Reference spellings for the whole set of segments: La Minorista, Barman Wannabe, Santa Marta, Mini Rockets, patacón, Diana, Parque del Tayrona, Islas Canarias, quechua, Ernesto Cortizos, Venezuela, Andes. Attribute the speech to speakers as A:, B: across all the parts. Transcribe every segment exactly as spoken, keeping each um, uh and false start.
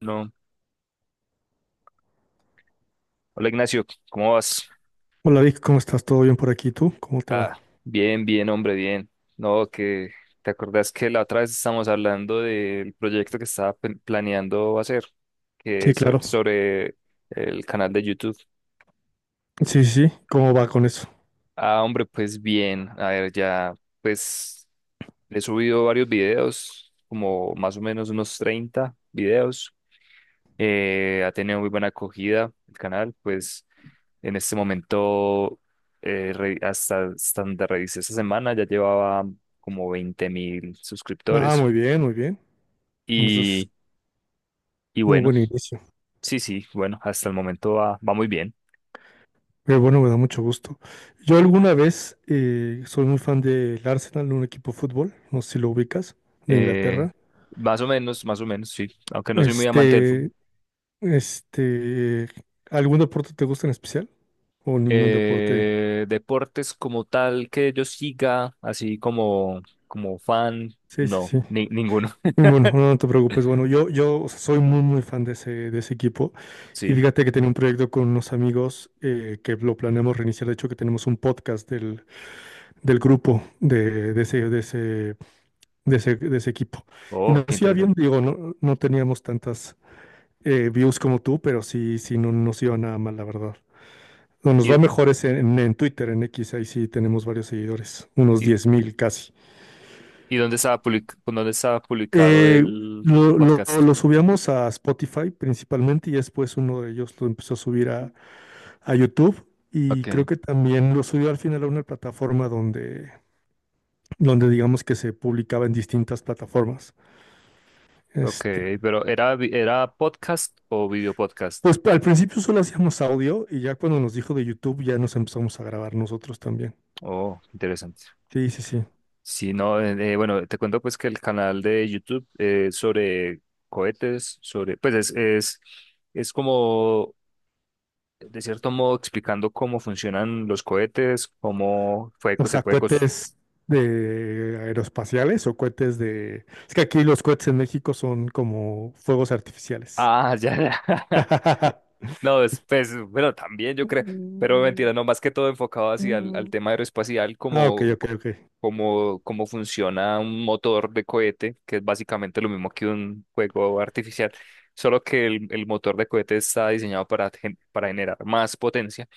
A: No. Hola Ignacio, ¿cómo vas?
B: Hola Vic, ¿cómo estás? ¿Todo bien por aquí? ¿Tú? ¿Cómo te va?
A: Ah, bien, bien, hombre, bien. No, que te acordás que la otra vez estábamos hablando del proyecto que estaba pe- planeando hacer, que
B: Sí,
A: es so-
B: claro.
A: sobre el canal de YouTube.
B: Sí, sí, sí. ¿Cómo va con eso?
A: Ah, hombre, pues bien, a ver, ya, pues he subido varios videos, como más o menos unos treinta videos. Eh, ha tenido muy buena acogida el canal, pues en este momento, eh, re- hasta, hasta donde revisé esta semana, ya llevaba como veinte mil
B: Ah,
A: suscriptores.
B: muy bien, muy bien. Eso es
A: Y, y
B: muy
A: bueno,
B: buen inicio.
A: sí, sí, bueno, hasta el momento va, va muy bien.
B: Pero bueno, me da mucho gusto. Yo alguna vez eh, soy muy fan del Arsenal, un equipo de fútbol, no sé si lo ubicas, de
A: Eh,
B: Inglaterra.
A: más o menos, más o menos, sí, aunque no soy muy amante del fútbol.
B: Este, este, ¿algún deporte te gusta en especial? ¿O ningún deporte?
A: Eh, deportes como tal que yo siga, así como, como fan,
B: Sí, sí,
A: no,
B: sí.
A: ni- ninguno.
B: Bueno, no, no te preocupes. Bueno, yo, yo o sea, soy muy, muy fan de ese, de ese equipo. Y
A: Sí,
B: fíjate que tenía un proyecto con unos amigos eh, que lo planeamos reiniciar. De hecho, que tenemos un podcast del, del grupo de, de ese, de ese, de ese, de ese equipo. Y
A: oh, qué
B: nos iba bien,
A: interesante.
B: digo, no, no teníamos tantas eh, views como tú, pero sí, sí, no no nos iba nada mal, la verdad. Lo nos va
A: ¿Y,
B: mejor es en, en Twitter, en X, ahí sí tenemos varios seguidores, unos
A: y,
B: diez mil casi.
A: ¿Y dónde estaba public- dónde estaba publicado
B: Eh,
A: el, el
B: lo, lo-
A: podcast?
B: lo subíamos a Spotify principalmente y después uno de ellos lo empezó a subir a, a YouTube y creo
A: Okay.
B: que también lo subió al final a una plataforma donde, donde digamos que se publicaba en distintas plataformas.
A: Ok,
B: Este,
A: pero ¿era, vi- ¿era podcast o video podcast?
B: pues al principio solo hacíamos audio y ya cuando nos dijo de YouTube ya nos empezamos a grabar nosotros también.
A: Oh, interesante.
B: Sí, sí, sí.
A: Sí, no, eh, eh, bueno, te cuento pues que el canal de YouTube eh, sobre cohetes, sobre, pues es, es, es como, de cierto modo, explicando cómo funcionan los cohetes, cómo fue
B: O
A: que se
B: sea,
A: puede cos-
B: cohetes de aeroespaciales o cohetes de... Es que aquí los cohetes en México son como fuegos artificiales.
A: Ah, ya, ya. No, después, bueno, también yo creo, pero
B: Mm,
A: mentira, no, más que todo enfocado hacia al al
B: mm.
A: tema aeroespacial,
B: Ah, ok,
A: como,
B: ok, ok,
A: como, como funciona un motor de cohete, que es básicamente lo mismo que un fuego artificial, solo que el, el motor de cohete está diseñado para, gen- para generar más potencia.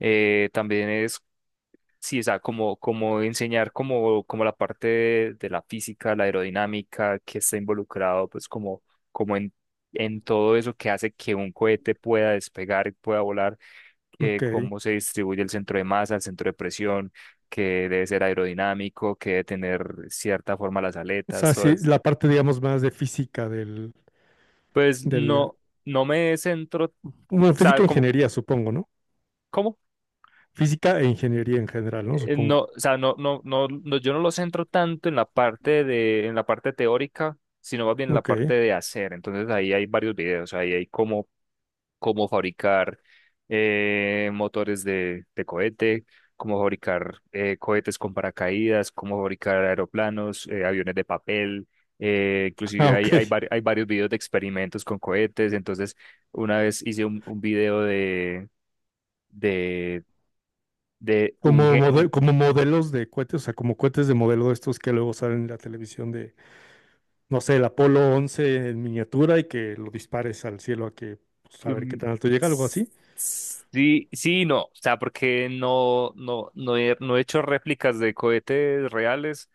A: Eh, también es sí, o sea, como, como enseñar como, como la parte de, de la física, la aerodinámica, que está involucrado, pues como, como en, en todo eso que hace que un cohete pueda despegar y pueda volar, que
B: ok.
A: cómo se distribuye el centro de masa, el centro de presión, que debe ser aerodinámico, que debe tener cierta forma las
B: O sea,
A: aletas, o
B: sí,
A: es-
B: la parte, digamos, más de física del,
A: pues
B: del,
A: no, no me centro, o
B: bueno,
A: sea,
B: física e
A: como,
B: ingeniería, supongo, ¿no? Física e ingeniería en general, ¿no?
A: eh, no,
B: Supongo.
A: o sea, no, no, no, no, yo no lo centro tanto en la parte de, en la parte teórica, sino más bien en la
B: Ok.
A: parte de hacer. Entonces ahí hay varios videos, ahí hay cómo, cómo fabricar eh, motores de, de cohete, cómo fabricar eh, cohetes con paracaídas, cómo fabricar aeroplanos, eh, aviones de papel. eh,
B: Ah,
A: inclusive
B: ok.
A: hay, hay, vari- hay varios videos de experimentos con cohetes. Entonces, una vez hice un, un video de, de, de un,
B: Como,
A: gen
B: mode- como modelos de cohetes, o sea, como cohetes de modelo de estos que luego salen en la televisión de, no sé, el Apolo once en miniatura y que lo dispares al cielo a que, pues, a ver qué
A: mm,
B: tan alto llega, algo así.
A: sí, sí, y no, o sea, porque no, no, no he, no he hecho réplicas de cohetes reales,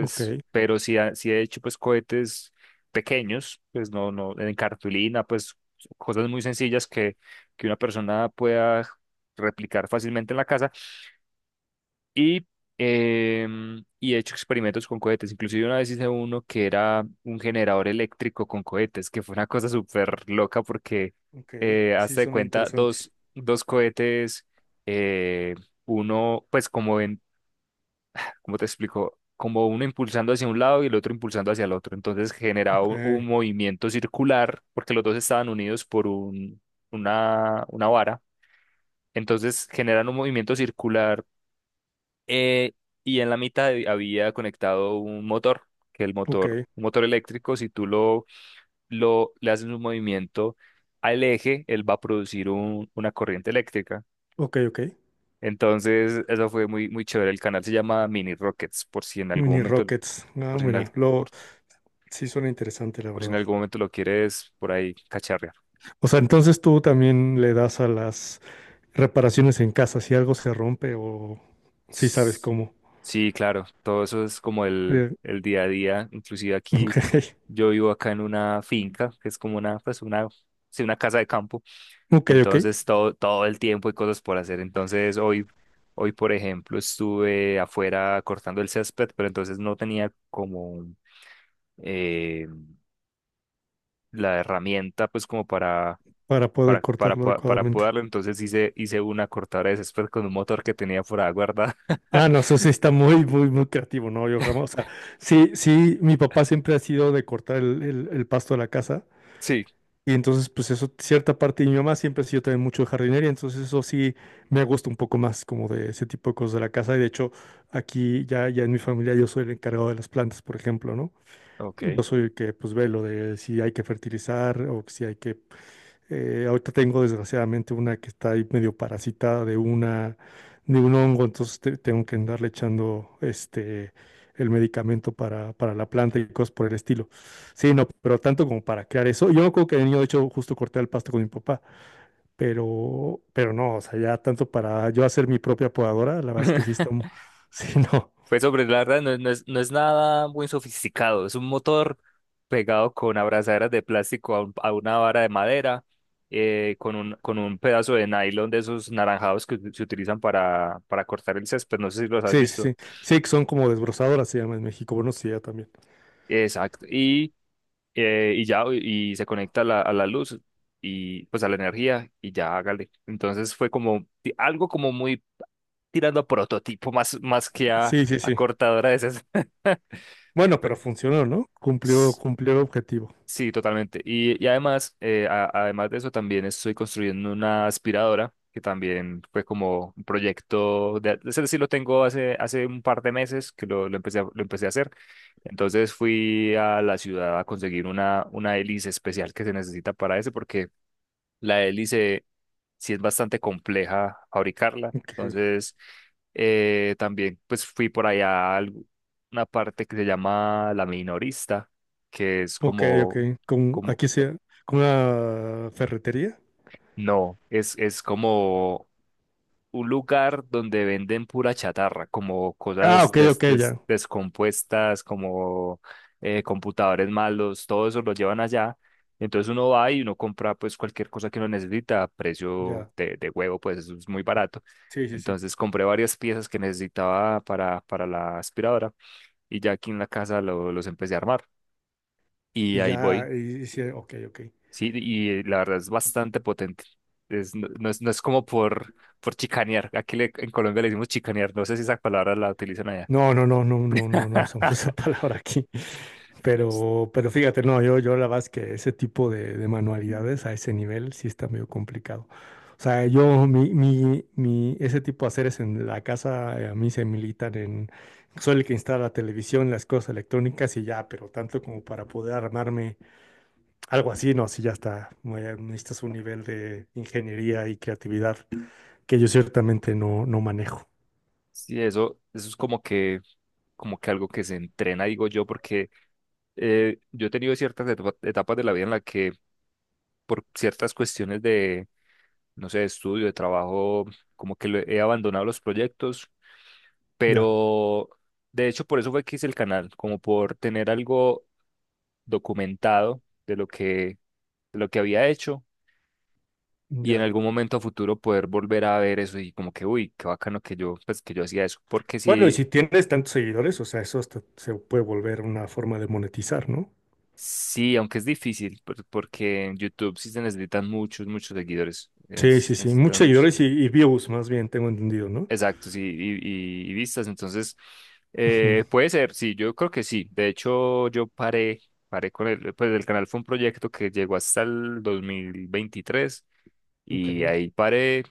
B: Ok,
A: pero sí, ha- sí he hecho pues cohetes pequeños, pues no, no, en cartulina, pues cosas muy sencillas que, que una persona pueda replicar fácilmente en la casa, y, em, y he hecho experimentos con cohetes. Inclusive una vez hice uno que era un generador eléctrico con cohetes, que fue una cosa súper loca porque
B: ok.
A: eh,
B: Sí,
A: hazte de
B: suena
A: cuenta
B: interesante.
A: dos, dos cohetes, eh, uno pues como en, ¿cómo te explico? Como uno impulsando hacia un lado y el otro impulsando hacia el otro. Entonces generaba
B: Ok,
A: un, un movimiento circular porque los dos estaban unidos por un, una, una vara. Entonces generan un movimiento circular eh, y en la mitad hab- había conectado un motor, que el
B: ok,
A: motor, un motor eléctrico, si tú lo, lo le haces un movimiento al eje, él va a producir un- una corriente eléctrica.
B: ok, ok.
A: Entonces, eso fue muy, muy chévere. El canal se llama Mini Rockets, por si en algún
B: Mini
A: momento,
B: Rockets. Ah,
A: por si en, al-
B: mira,
A: por,
B: lo, sí suena interesante, la
A: por si en
B: verdad.
A: algún momento lo quieres por ahí cacharrear.
B: O sea, entonces tú también le das a las reparaciones en casa si algo se rompe o si sabes
A: S-
B: cómo.
A: sí, claro, todo eso es como el,
B: Eh,
A: el día a día. Inclusive
B: ok,
A: aquí, yo vivo acá en una finca, que es como una, pues una, sí, una casa de campo.
B: ok, ok,
A: Entonces todo, todo el tiempo hay cosas por hacer. Entonces hoy, hoy, por ejemplo, estuve afuera cortando el césped, pero entonces no tenía como eh, la herramienta pues como para,
B: para poder
A: para, para,
B: cortarlo
A: po- para
B: adecuadamente.
A: podarlo. Entonces hice, hice una cortadora de césped con un motor que tenía por ahí guardada.
B: Ah, no, eso sí está muy, muy, muy creativo, ¿no? Yo jamás, o sea, sí, sí, mi papá siempre ha sido de cortar el, el- el pasto de la casa.
A: Sí,
B: Y entonces, pues eso, cierta parte, y mi mamá siempre ha sido también mucho de jardinería, entonces eso sí me gusta un poco más como de ese tipo de cosas de la casa. Y de hecho, aquí ya, ya en mi familia yo soy el encargado de las plantas, por ejemplo, ¿no?
A: ok.
B: Yo soy el que pues ve lo de si hay que fertilizar o si hay que eh, ahorita tengo desgraciadamente una que está ahí medio parasitada de una de un hongo, entonces te- tengo que andarle echando este el medicamento para, para la planta y cosas por el estilo. Sí, no, pero tanto como para crear eso. Yo me acuerdo que de niño, de hecho, justo corté el pasto con mi papá, pero, pero no, o sea, ya tanto para yo hacer mi propia podadora, la verdad es que sí está, un- sí, no.
A: Fue sobre, la verdad, no, es, no es no es nada muy sofisticado. Es un motor pegado con abrazaderas de plástico a, un- a una vara de madera, eh, con un, con un pedazo de nylon de esos naranjados que se utilizan para, para cortar el césped. No sé si los has
B: Sí, sí,
A: visto.
B: sí. Sí, que son como desbrozadoras, se llama en México. Bueno, sí, ya también.
A: Exacto. Y, eh, y ya, y se conecta a la, a la luz y pues a la energía y ya hágale. Entonces fue como ti- algo como muy tirando a prototipo más, más que a,
B: Sí, sí,
A: a
B: sí.
A: cortadora de esas.
B: Bueno, pero funcionó, ¿no? Cumplió, cumplió el objetivo.
A: Sí, totalmente. Y, y además, eh, a- además de eso, también estoy construyendo una aspiradora, que también fue como un proyecto, de, es decir, lo tengo hace, hace un par de meses que lo, lo empecé a, lo empecé a hacer. Entonces fui a la ciudad a conseguir una, una hélice especial que se necesita para eso, porque la hélice sí es bastante compleja fabricarla.
B: Ok.
A: Entonces, eh, también pues fui por allá a algu- una parte que se llama La Minorista, que es
B: Ok, ok.
A: como,
B: Con,
A: como,
B: aquí sea con una ferretería.
A: no, es, es como un lugar donde venden pura chatarra, como
B: Ah,
A: cosas
B: ok, ok,
A: des- des-
B: ya.
A: descompuestas, como eh, computadores malos, todo eso lo llevan allá. Entonces uno va y uno compra pues cualquier cosa que uno necesita a precio
B: Ya.
A: de, de huevo, pues eso es muy barato.
B: Sí, sí, sí.
A: Entonces compré varias piezas que necesitaba para, para la aspiradora y ya aquí en la casa lo- los empecé a armar. Y
B: Y
A: ahí voy.
B: ya, y, y sí, ok, ok.
A: Sí, y la verdad es bastante potente. Es, no, no es, no es como por, por chicanear. Aquí le- en Colombia le decimos chicanear. No sé si esa palabra la utilizan allá.
B: No, no, no, no, no, no, no usamos esa palabra aquí. Pero, pero fíjate, no, yo, yo la verdad es que ese tipo de, de manualidades a ese nivel sí está medio complicado. O sea, yo, mi, mi, mi, ese tipo de haceres en la casa, eh, a mí se militan en, soy el que instala la televisión, las cosas electrónicas y ya, pero tanto como para poder armarme algo así, no, sí, ya está. muy- Necesitas un nivel de ingeniería y creatividad que yo ciertamente no, no manejo.
A: Sí, eso, eso es como que, como que algo que se entrena, digo yo, porque eh, yo he tenido ciertas etapa- etapas de la vida en la que por ciertas cuestiones de, no sé, de estudio, de trabajo, como que lo- he abandonado los proyectos,
B: Ya,
A: pero de hecho por eso fue que hice el canal, como por tener algo documentado de lo que, de lo que había hecho y en
B: ya.
A: algún momento a futuro poder volver a ver eso y como que, uy, qué bacano que yo, pues que yo hacía eso, porque
B: Bueno, y si
A: sí,
B: tienes tantos seguidores, o sea, eso hasta se puede volver una forma de monetizar, ¿no?
A: sí, aunque es difícil, por- porque en YouTube sí se necesitan muchos, muchos seguidores,
B: Sí,
A: es,
B: sí, sí. Muchos
A: necesitan muchos,
B: seguidores y, y views, más bien, tengo entendido, ¿no?
A: exactos y, y, y- y vistas, entonces
B: Ujú.
A: eh, puede ser, sí, yo creo que sí, de hecho yo paré, paré con el, pues el canal fue un proyecto que llegó hasta el dos mil veintitrés
B: Ok.
A: y ahí paré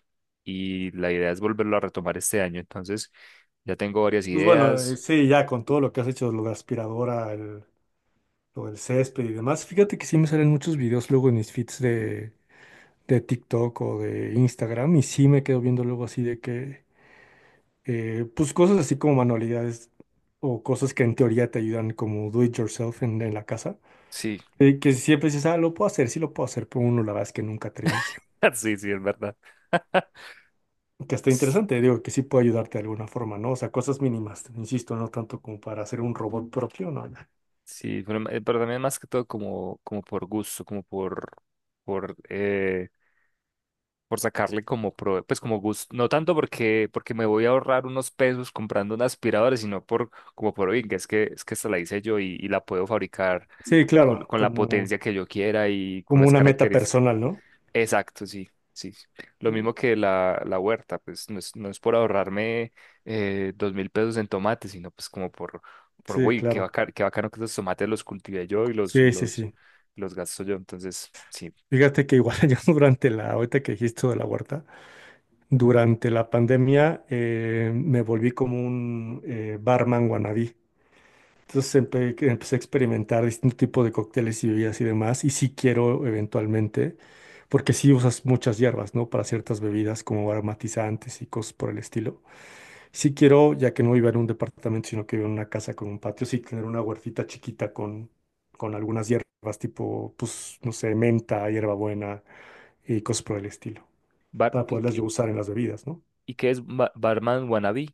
A: y la idea es volverlo a retomar este año. Entonces, ya tengo varias
B: Pues bueno, eh,
A: ideas.
B: sí, ya con todo lo que has hecho, lo de aspiradora, el- lo del césped y demás, fíjate que sí me salen muchos videos luego en mis feeds de, de TikTok o de Instagram y sí me quedo viendo luego así de que eh, pues cosas así como manualidades o cosas que en teoría te ayudan como do it yourself en, en la casa,
A: Sí,
B: eh, que siempre dices, ah, lo puedo hacer, sí lo puedo hacer, pero uno la verdad es que nunca termina haciendo.
A: sí, sí, es verdad.
B: Que está
A: S-
B: interesante, digo, que sí puede ayudarte de alguna forma, ¿no? O sea, cosas mínimas, insisto, no tanto como para hacer un robot propio, ¿no?
A: sí, pero, ma- eh, pero también más que todo como, como por gusto, como por, por, eh, por sacarle como, pro- pues como gusto, no tanto porque, porque me voy a ahorrar unos pesos comprando una aspiradora, sino por, como por, oiga, es que, es que esta la hice yo y, y la puedo fabricar
B: Sí,
A: eh, con,
B: claro,
A: con la
B: como,
A: potencia que yo quiera y con
B: como
A: las
B: una meta
A: características
B: personal, ¿no?
A: exacto, sí, sí. Lo mismo
B: Mm.
A: que la, la huerta, pues no es, no es por ahorrarme eh, dos mil pesos en tomates, sino pues como por, por
B: Sí,
A: uy, qué
B: claro.
A: bacano, qué bacano que esos tomates los cultive yo y los, y
B: Sí, sí,
A: los,
B: sí.
A: los gasto yo. Entonces, sí.
B: Fíjate que igual yo durante la, ahorita que dijiste lo de la huerta, durante la pandemia eh, me volví como un eh, barman wannabe. Entonces empe- que empecé a experimentar distintos tipos de cócteles y bebidas y demás. Y sí quiero eventualmente, porque sí usas muchas hierbas, ¿no? Para ciertas bebidas como aromatizantes y cosas por el estilo. Sí quiero, ya que no vivo en un departamento, sino que vivo en una casa con un patio, sí tener una huertita chiquita con, con algunas hierbas tipo, pues, no sé, menta, hierbabuena y cosas por el estilo,
A: Bar,
B: para
A: ¿y,
B: poderlas yo
A: qué,
B: usar en las bebidas, ¿no?
A: ¿y qué es ba- Barman Wannabe?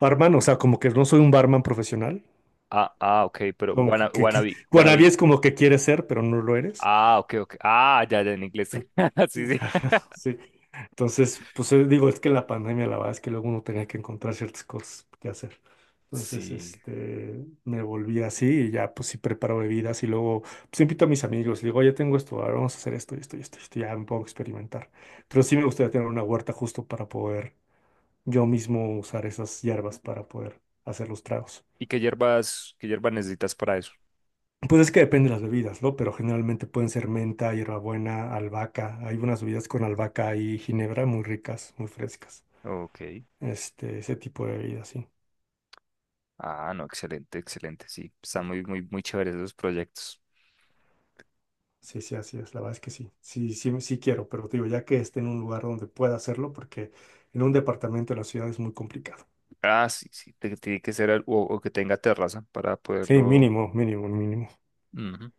B: Barman, o sea, como que no soy un barman profesional.
A: Ah, ah, ok, pero
B: Como
A: wanna-
B: que, que,
A: Wannabe,
B: wannabe
A: Wannabe.
B: es como que quieres ser, pero no lo eres.
A: Ah, ok, ok. Ah, ya, ya en inglés. Sí, sí.
B: Sí. Entonces, pues eh, digo, es que la pandemia, la verdad es que luego uno tenía que encontrar ciertas cosas que hacer. Entonces,
A: Sí.
B: este, me volví así y ya, pues sí preparo bebidas y luego, pues invito a mis amigos y digo, oye, tengo esto, ahora vamos a hacer esto y esto y esto, y esto, ya me puedo experimentar. Pero sí me gustaría tener una huerta justo para poder yo mismo usar esas hierbas para poder hacer los tragos.
A: ¿Y qué hierbas, qué hierbas necesitas para eso?
B: Pues es que depende de las bebidas, ¿no? Pero generalmente pueden ser menta, hierbabuena, albahaca. Hay unas bebidas con albahaca y ginebra muy ricas, muy frescas.
A: Ok.
B: Este, ese tipo de bebidas, sí.
A: Ah, no, excelente, excelente, sí. Están muy, muy, muy chéveres esos proyectos.
B: Sí, sí, así es. La verdad es que sí. Sí, sí, sí quiero, pero te digo, ya que esté en un lugar donde pueda hacerlo, porque en un departamento de la ciudad es muy complicado.
A: Ah, sí, sí, te- tiene que ser al- o, o que tenga terraza para
B: Sí,
A: poderlo.
B: mínimo, mínimo, mínimo.
A: Ujú.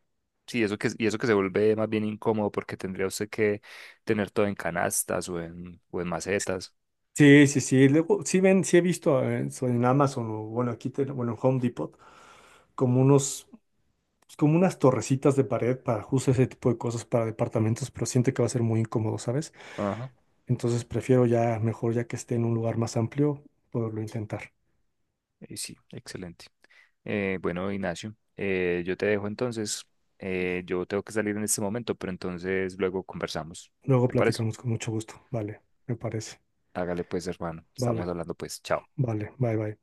A: Sí, eso que, y eso que se vuelve más bien incómodo porque tendría usted que tener todo en canastas o en, o en macetas.
B: Sí, sí, sí. Luego, sí ven, sí he visto eh, so- en Amazon o bueno, aquí, ten- bueno, en Home Depot, como unos pues, como unas torrecitas de pared para justo ese tipo de cosas para departamentos, pero siento que va a ser muy incómodo, ¿sabes?
A: Ajá.
B: Entonces prefiero ya, mejor ya que esté en un lugar más amplio, poderlo intentar.
A: Y sí, excelente. Eh, bueno, Ignacio, eh, yo te dejo entonces. Eh, yo tengo que salir en este momento, pero entonces luego conversamos.
B: Luego
A: ¿Te parece?
B: platicamos con mucho gusto. Vale, me parece.
A: Hágale pues, hermano. Estamos
B: Vale,
A: hablando pues. Chao.
B: vale, bye, bye.